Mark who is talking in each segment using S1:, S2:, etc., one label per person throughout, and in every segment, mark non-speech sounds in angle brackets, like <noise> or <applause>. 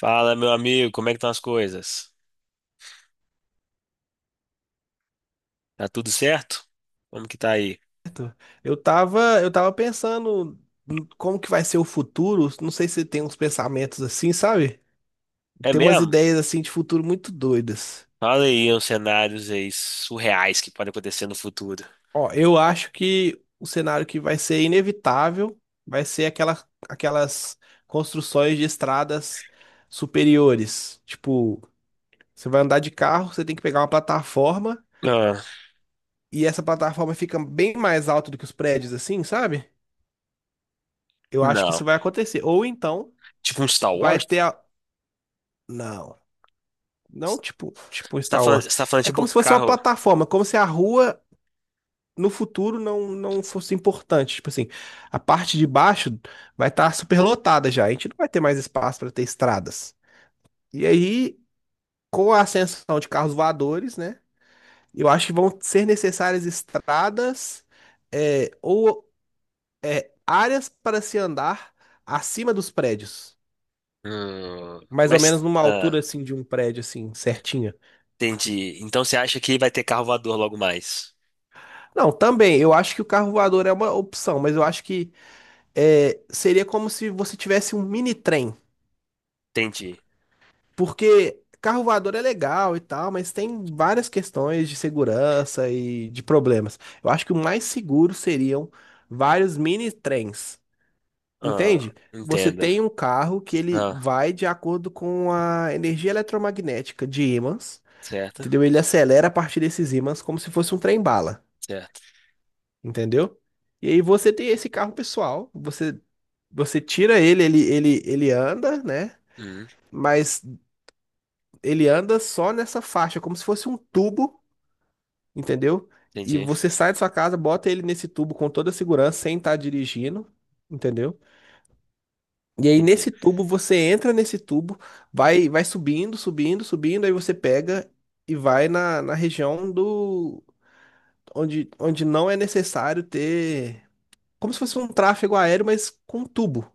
S1: Fala, meu amigo, como é que estão as coisas? Tá tudo certo? Como que tá aí?
S2: Certo. Eu tava pensando em como que vai ser o futuro. Não sei se tem uns pensamentos assim, sabe?
S1: É
S2: Tem umas
S1: mesmo?
S2: ideias assim de futuro muito doidas.
S1: Fala aí uns cenários aí surreais que podem acontecer no futuro.
S2: Ó, eu acho que o cenário que vai ser inevitável vai ser aquelas construções de estradas superiores. Tipo, você vai andar de carro, você tem que pegar uma plataforma
S1: Ah,
S2: e essa plataforma fica bem mais alta do que os prédios, assim, sabe? Eu acho que
S1: não.
S2: isso vai acontecer. Ou então
S1: Tipo um Star
S2: vai
S1: Wars?
S2: ter a... Não. Não, tipo Star Wars.
S1: Você tá falando
S2: É
S1: tipo
S2: como se fosse uma
S1: carro.
S2: plataforma, como se a rua no futuro não fosse importante. Tipo assim, a parte de baixo vai estar superlotada já. A gente não vai ter mais espaço para ter estradas. E aí, com a ascensão de carros voadores, né? Eu acho que vão ser necessárias estradas ou áreas para se andar acima dos prédios.
S1: Hum,
S2: Mais ou menos
S1: mas.
S2: numa
S1: Ah,
S2: altura assim de um prédio assim, certinho.
S1: Entendi. Então você acha que vai ter carro voador logo mais?
S2: Não, também. Eu acho que o carro voador é uma opção, mas eu acho que seria como se você tivesse um mini trem.
S1: Entendi.
S2: Porque carro voador é legal e tal, mas tem várias questões de segurança e de problemas. Eu acho que o mais seguro seriam vários mini trens.
S1: Ah,
S2: Entende? Você
S1: entenda.
S2: tem um carro que ele
S1: Ah,
S2: vai de acordo com a energia eletromagnética de ímãs,
S1: certo,
S2: entendeu? Ele acelera a partir desses ímãs como se fosse um trem-bala.
S1: certo.
S2: Entendeu? E aí você tem esse carro pessoal, você tira ele, ele anda, né?
S1: Hum,
S2: Mas ele anda só nessa faixa, como se fosse um tubo, entendeu? E
S1: entendi,
S2: você sai da sua casa, bota ele nesse tubo com toda a segurança, sem estar dirigindo, entendeu? E aí
S1: entendi.
S2: nesse tubo você entra nesse tubo, vai subindo, subindo, subindo, aí você pega e vai na região do onde não é necessário ter como se fosse um tráfego aéreo, mas com um tubo.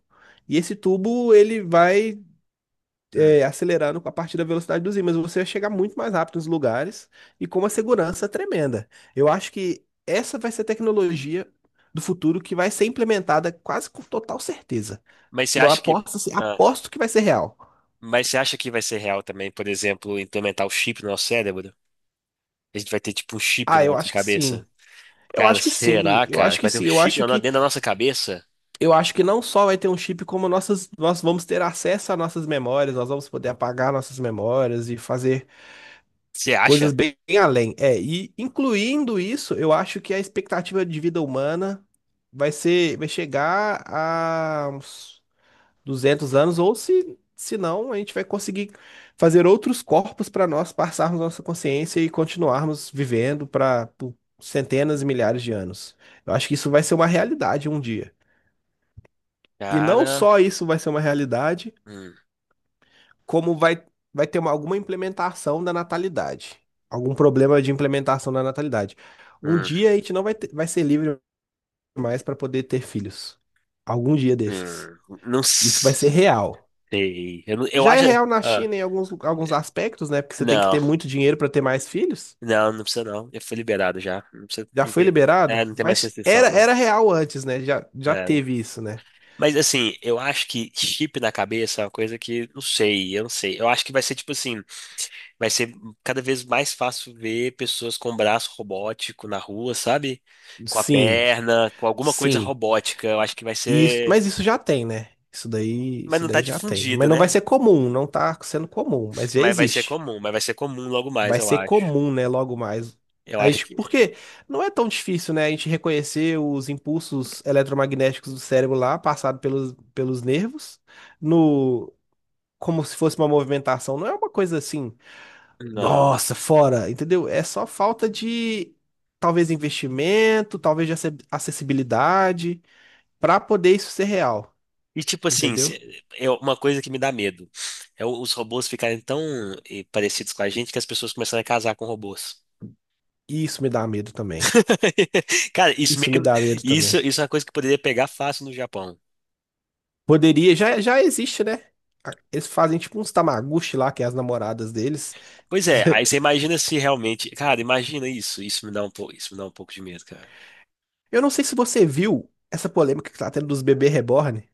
S2: E esse tubo ele vai
S1: Hum.
S2: acelerando a partir da velocidade dos ímãs. Você vai chegar muito mais rápido nos lugares e com uma segurança tremenda. Eu acho que essa vai ser a tecnologia do futuro que vai ser implementada quase com total certeza.
S1: Mas você
S2: Que eu
S1: acha que.
S2: aposto, assim,
S1: ah,
S2: aposto que vai ser real.
S1: Mas você acha que vai ser real também, por exemplo, implementar o chip no nosso cérebro? A gente vai ter tipo um chip
S2: Ah,
S1: na
S2: eu
S1: nossa
S2: acho que sim.
S1: cabeça.
S2: Eu
S1: Cara,
S2: acho que sim.
S1: será,
S2: Eu
S1: cara,
S2: acho
S1: que
S2: que
S1: vai ter um
S2: sim. Eu
S1: chip
S2: acho
S1: na-
S2: que
S1: dentro da nossa cabeça?
S2: eu acho que não só vai ter um chip, como nós vamos ter acesso a nossas memórias, nós vamos poder apagar nossas memórias e fazer
S1: Você acha?
S2: coisas bem além. É, e incluindo isso, eu acho que a expectativa de vida humana vai chegar a uns 200 anos, ou se não, a gente vai conseguir fazer outros corpos para nós passarmos nossa consciência e continuarmos vivendo para por centenas e milhares de anos. Eu acho que isso vai ser uma realidade um dia. E não
S1: Cara,
S2: só isso vai ser uma realidade,
S1: hum,
S2: como vai ter alguma implementação da natalidade, algum problema de implementação da natalidade. Um
S1: hum,
S2: dia a gente não vai, vai ser livre mais para poder ter filhos. Algum dia desses.
S1: hum, não
S2: Isso vai ser real.
S1: sei. Eu
S2: Já é
S1: acho.
S2: real na
S1: Ah,
S2: China em alguns
S1: é,
S2: aspectos, né? Porque você tem que
S1: não,
S2: ter muito dinheiro para ter mais filhos.
S1: não, não precisa não. Eu fui liberado já. Não precisa,
S2: Já foi liberado,
S1: não tem mais
S2: mas
S1: restrição,
S2: era,
S1: não.
S2: era real antes, né? Já
S1: É, né?
S2: teve isso, né?
S1: Mas assim, eu acho que chip na cabeça é uma coisa que, não sei, eu não sei. Eu acho que vai ser tipo assim. Vai ser cada vez mais fácil ver pessoas com braço robótico na rua, sabe? Com a
S2: Sim,
S1: perna, com alguma coisa
S2: sim.
S1: robótica. Eu acho que vai
S2: Isso,
S1: ser.
S2: mas isso já tem, né? Isso daí,
S1: Mas
S2: isso
S1: não tá
S2: daí já tem. Mas
S1: difundido,
S2: não vai
S1: né?
S2: ser comum, não tá sendo comum, mas já existe.
S1: Mas vai ser comum logo mais,
S2: Vai
S1: eu
S2: ser
S1: acho.
S2: comum, né, logo mais.
S1: Eu
S2: A
S1: acho
S2: gente,
S1: que.
S2: porque não é tão difícil, né, a gente reconhecer os impulsos eletromagnéticos do cérebro lá, passado pelos nervos, no como se fosse uma movimentação. Não é uma coisa assim,
S1: Não.
S2: nossa, fora, entendeu? É só falta de talvez investimento, talvez de acessibilidade, para poder isso ser real,
S1: E tipo assim,
S2: entendeu?
S1: é uma coisa que me dá medo. Os robôs ficarem tão parecidos com a gente que as pessoas começarem a casar com robôs.
S2: Isso me dá medo também.
S1: <laughs> Cara, isso, meio
S2: Isso me
S1: que-
S2: dá medo
S1: isso,
S2: também.
S1: isso é uma coisa que poderia pegar fácil no Japão.
S2: Poderia, já existe, né? Eles fazem tipo uns tamaguchi lá, que é as namoradas deles.
S1: Pois é, aí
S2: <laughs>
S1: você imagina se realmente. Cara, imagina isso. Isso me dá um pouco, isso me dá um pouco de medo, cara.
S2: Eu não sei se você viu essa polêmica que tá tendo dos bebês reborn,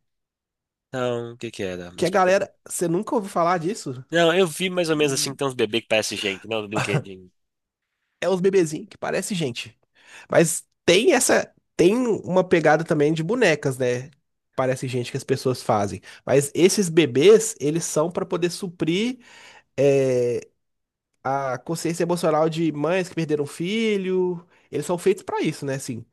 S1: Não, o que que era?
S2: que
S1: Mas-
S2: a galera, você nunca ouviu falar disso?
S1: Não, eu vi mais ou menos assim
S2: Hum,
S1: que tem uns bebês que parecem gente, não, do brinquedinho.
S2: É os bebezinhos que parece gente. Mas tem uma pegada também de bonecas, né? Parece gente que as pessoas fazem. Mas esses bebês, eles são pra poder suprir eh, a consciência emocional de mães que perderam filho. Eles são feitos pra isso, né? Assim,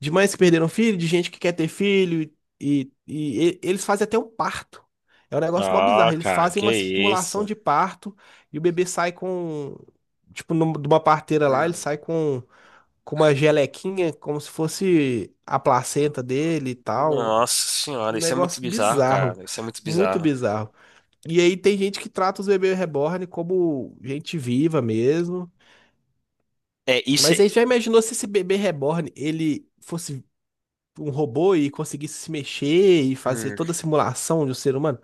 S2: de mães que perderam filho, de gente que quer ter filho. E eles fazem até um parto. É um negócio mó
S1: Ah,
S2: bizarro. Eles
S1: cara,
S2: fazem
S1: que
S2: uma simulação
S1: isso?
S2: de parto e o bebê sai com. Tipo, de uma parteira lá, ele
S1: Hum.
S2: sai com, uma gelequinha, como se fosse a placenta dele e tal.
S1: Nossa senhora,
S2: Um
S1: isso é muito
S2: negócio
S1: bizarro,
S2: bizarro.
S1: cara. Isso é muito
S2: Muito
S1: bizarro.
S2: bizarro. E aí tem gente que trata os bebês reborn como gente viva mesmo.
S1: É, isso
S2: Mas
S1: é.
S2: aí já imaginou se esse bebê reborn ele fosse um robô e conseguisse se mexer e fazer
S1: Hum,
S2: toda a simulação de um ser humano?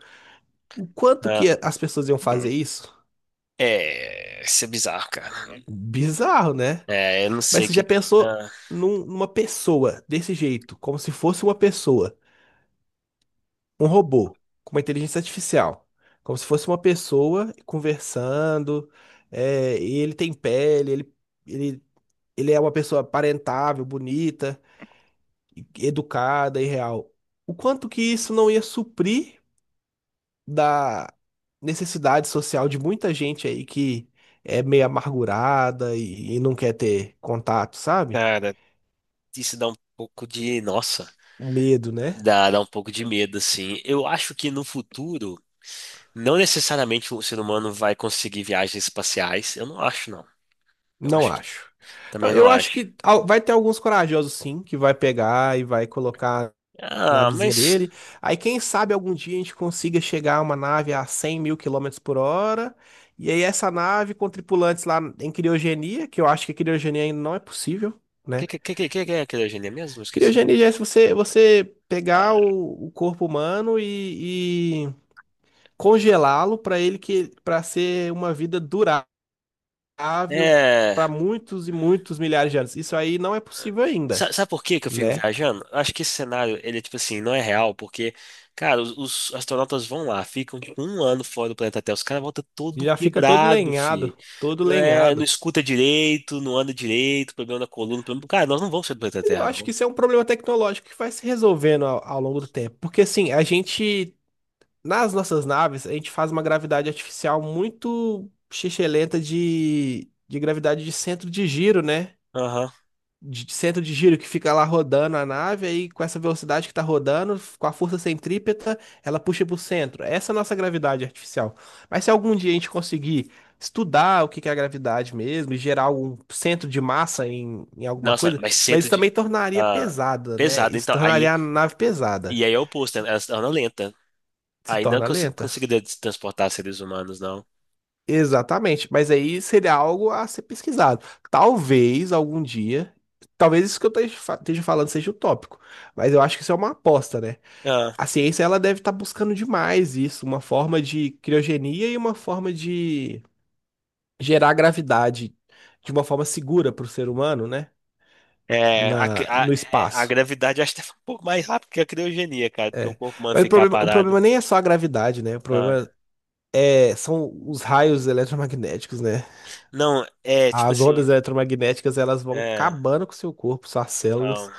S2: O quanto que
S1: ah.
S2: as pessoas iam fazer isso?
S1: É, isso é bizarro, cara.
S2: Bizarro, né?
S1: É, eu não
S2: Mas
S1: sei o
S2: você
S1: que.
S2: já
S1: Que-
S2: pensou
S1: ah,
S2: numa pessoa desse jeito, como se fosse uma pessoa, um robô, com uma inteligência artificial, como se fosse uma pessoa conversando, e ele tem pele, ele, ele é uma pessoa aparentável, bonita, educada e real. O quanto que isso não ia suprir da necessidade social de muita gente aí que é meio amargurada e não quer ter contato, sabe?
S1: cara, isso dá um pouco de. Nossa.
S2: Medo, né?
S1: Dá, dá um pouco de medo, assim. Eu acho que no futuro, não necessariamente o ser humano vai conseguir viagens espaciais. Eu não acho, não. Eu
S2: Não
S1: acho que
S2: acho. Não,
S1: também não
S2: eu acho
S1: acho.
S2: que vai ter alguns corajosos, sim, que vai pegar e vai colocar
S1: Ah,
S2: navezinha
S1: mas.
S2: dele. Aí, quem sabe algum dia a gente consiga chegar a uma nave a 100 mil quilômetros por hora. E aí, essa nave com tripulantes lá em criogenia, que eu acho que criogenia ainda não é possível,
S1: O que,
S2: né?
S1: que, que, que que é a criogenia mesmo? Eu esqueci.
S2: Criogenia já é se você pegar
S1: Ah,
S2: o corpo humano e congelá-lo para ele que para ser uma vida durável
S1: é.
S2: para muitos e muitos milhares de anos. Isso aí não é possível ainda,
S1: Sa- Sabe por que que eu fico
S2: né?
S1: viajando? Eu acho que esse cenário, ele é tipo assim, não é real, porque, cara, os astronautas vão lá, ficam tipo, um ano fora do planeta Terra, os caras voltam
S2: E
S1: todo
S2: já fica todo
S1: quebrado, fi.
S2: lenhado, todo
S1: É, não
S2: lenhado.
S1: escuta direito, não anda direito, problema na coluna, problema... Cara, nós não vamos sair do planeta
S2: Eu
S1: Terra,
S2: acho que
S1: não.
S2: isso é um problema tecnológico que vai se resolvendo ao longo do tempo. Porque assim, a gente, nas nossas naves, a gente faz uma gravidade artificial muito xixelenta de gravidade de centro de giro, né?
S1: Aham.
S2: De centro de giro que fica lá rodando a nave, aí com essa velocidade que tá rodando, com a força centrípeta, ela puxa pro centro. Essa é a nossa gravidade artificial. Mas se algum dia a gente conseguir estudar o que que é a gravidade mesmo, e gerar algum centro de massa em alguma
S1: Nossa,
S2: coisa,
S1: mas
S2: mas
S1: centro
S2: isso também
S1: de...
S2: tornaria
S1: Ah,
S2: pesada, né?
S1: pesado,
S2: Isso
S1: então, aí...
S2: tornaria a nave pesada.
S1: E aí é o oposto, né? Elas andam lenta.
S2: Se
S1: Aí não
S2: torna
S1: cons
S2: lenta?
S1: conseguiria transportar seres humanos,
S2: Exatamente, mas aí seria algo a ser pesquisado. Talvez algum dia, talvez isso que eu esteja esteja falando seja utópico, mas eu acho que isso é uma aposta, né?
S1: não.
S2: A ciência ela deve estar buscando demais isso, uma forma de criogenia e uma forma de gerar gravidade de uma forma segura para o ser humano, né?
S1: É,
S2: Na, no
S1: a
S2: espaço.
S1: gravidade acho que é um pouco mais rápido que a criogenia, cara, porque o
S2: É.
S1: corpo humano
S2: Mas
S1: ficar
S2: o
S1: parado.
S2: problema nem é só a gravidade, né? O
S1: Ah,
S2: problema são os raios eletromagnéticos, né?
S1: não, é tipo
S2: As
S1: assim.
S2: ondas eletromagnéticas elas vão
S1: É,
S2: acabando com o seu corpo, suas
S1: então,
S2: células,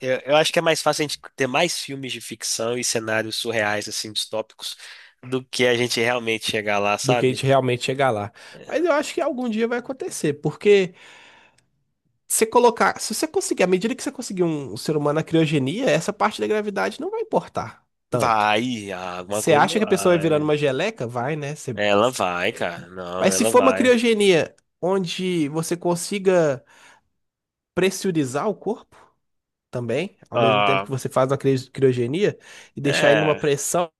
S1: eu acho que é mais fácil a gente ter mais filmes de ficção e cenários surreais, assim, distópicos, do que a gente realmente chegar lá,
S2: do que a
S1: sabe?
S2: gente realmente chegar lá.
S1: É,
S2: Mas eu acho que algum dia vai acontecer, porque você colocar, se você conseguir, à medida que você conseguir um ser humano na criogenia, essa parte da gravidade não vai importar tanto.
S1: vai, ah, alguma
S2: Você
S1: coisa
S2: acha que a pessoa vai virando
S1: vai.
S2: uma geleca? Vai, né? Você-
S1: Ela vai, cara. Não,
S2: Mas se
S1: ela
S2: for uma
S1: vai.
S2: criogenia onde você consiga pressurizar o corpo também, ao mesmo tempo
S1: Ah,
S2: que você faz uma criogenia, e deixar ele numa
S1: é,
S2: pressão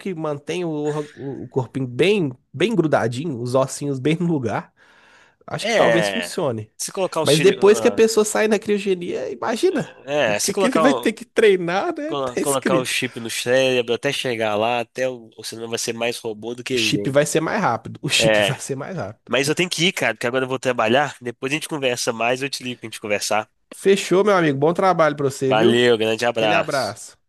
S2: que mantém o corpinho bem, bem grudadinho, os ossinhos bem no lugar. Acho que talvez
S1: é.
S2: funcione.
S1: Se colocar os.
S2: Mas
S1: Filhos
S2: depois que a pessoa sai da criogenia, imagina o
S1: é, se
S2: que que ele
S1: colocar.
S2: vai ter que treinar, né? <laughs> Tá
S1: Colocar o
S2: escrito.
S1: chip no cérebro até chegar lá, até o cinema vai ser mais robô do
S2: O
S1: que
S2: chip
S1: gente.
S2: vai ser mais rápido. O chip <laughs>
S1: É,
S2: vai ser mais rápido.
S1: mas eu tenho que ir, cara, porque agora eu vou trabalhar. Depois a gente conversa mais, eu te ligo pra gente conversar.
S2: Fechou, meu amigo. Bom trabalho pra você, viu?
S1: Valeu, grande
S2: Aquele
S1: abraço.
S2: abraço.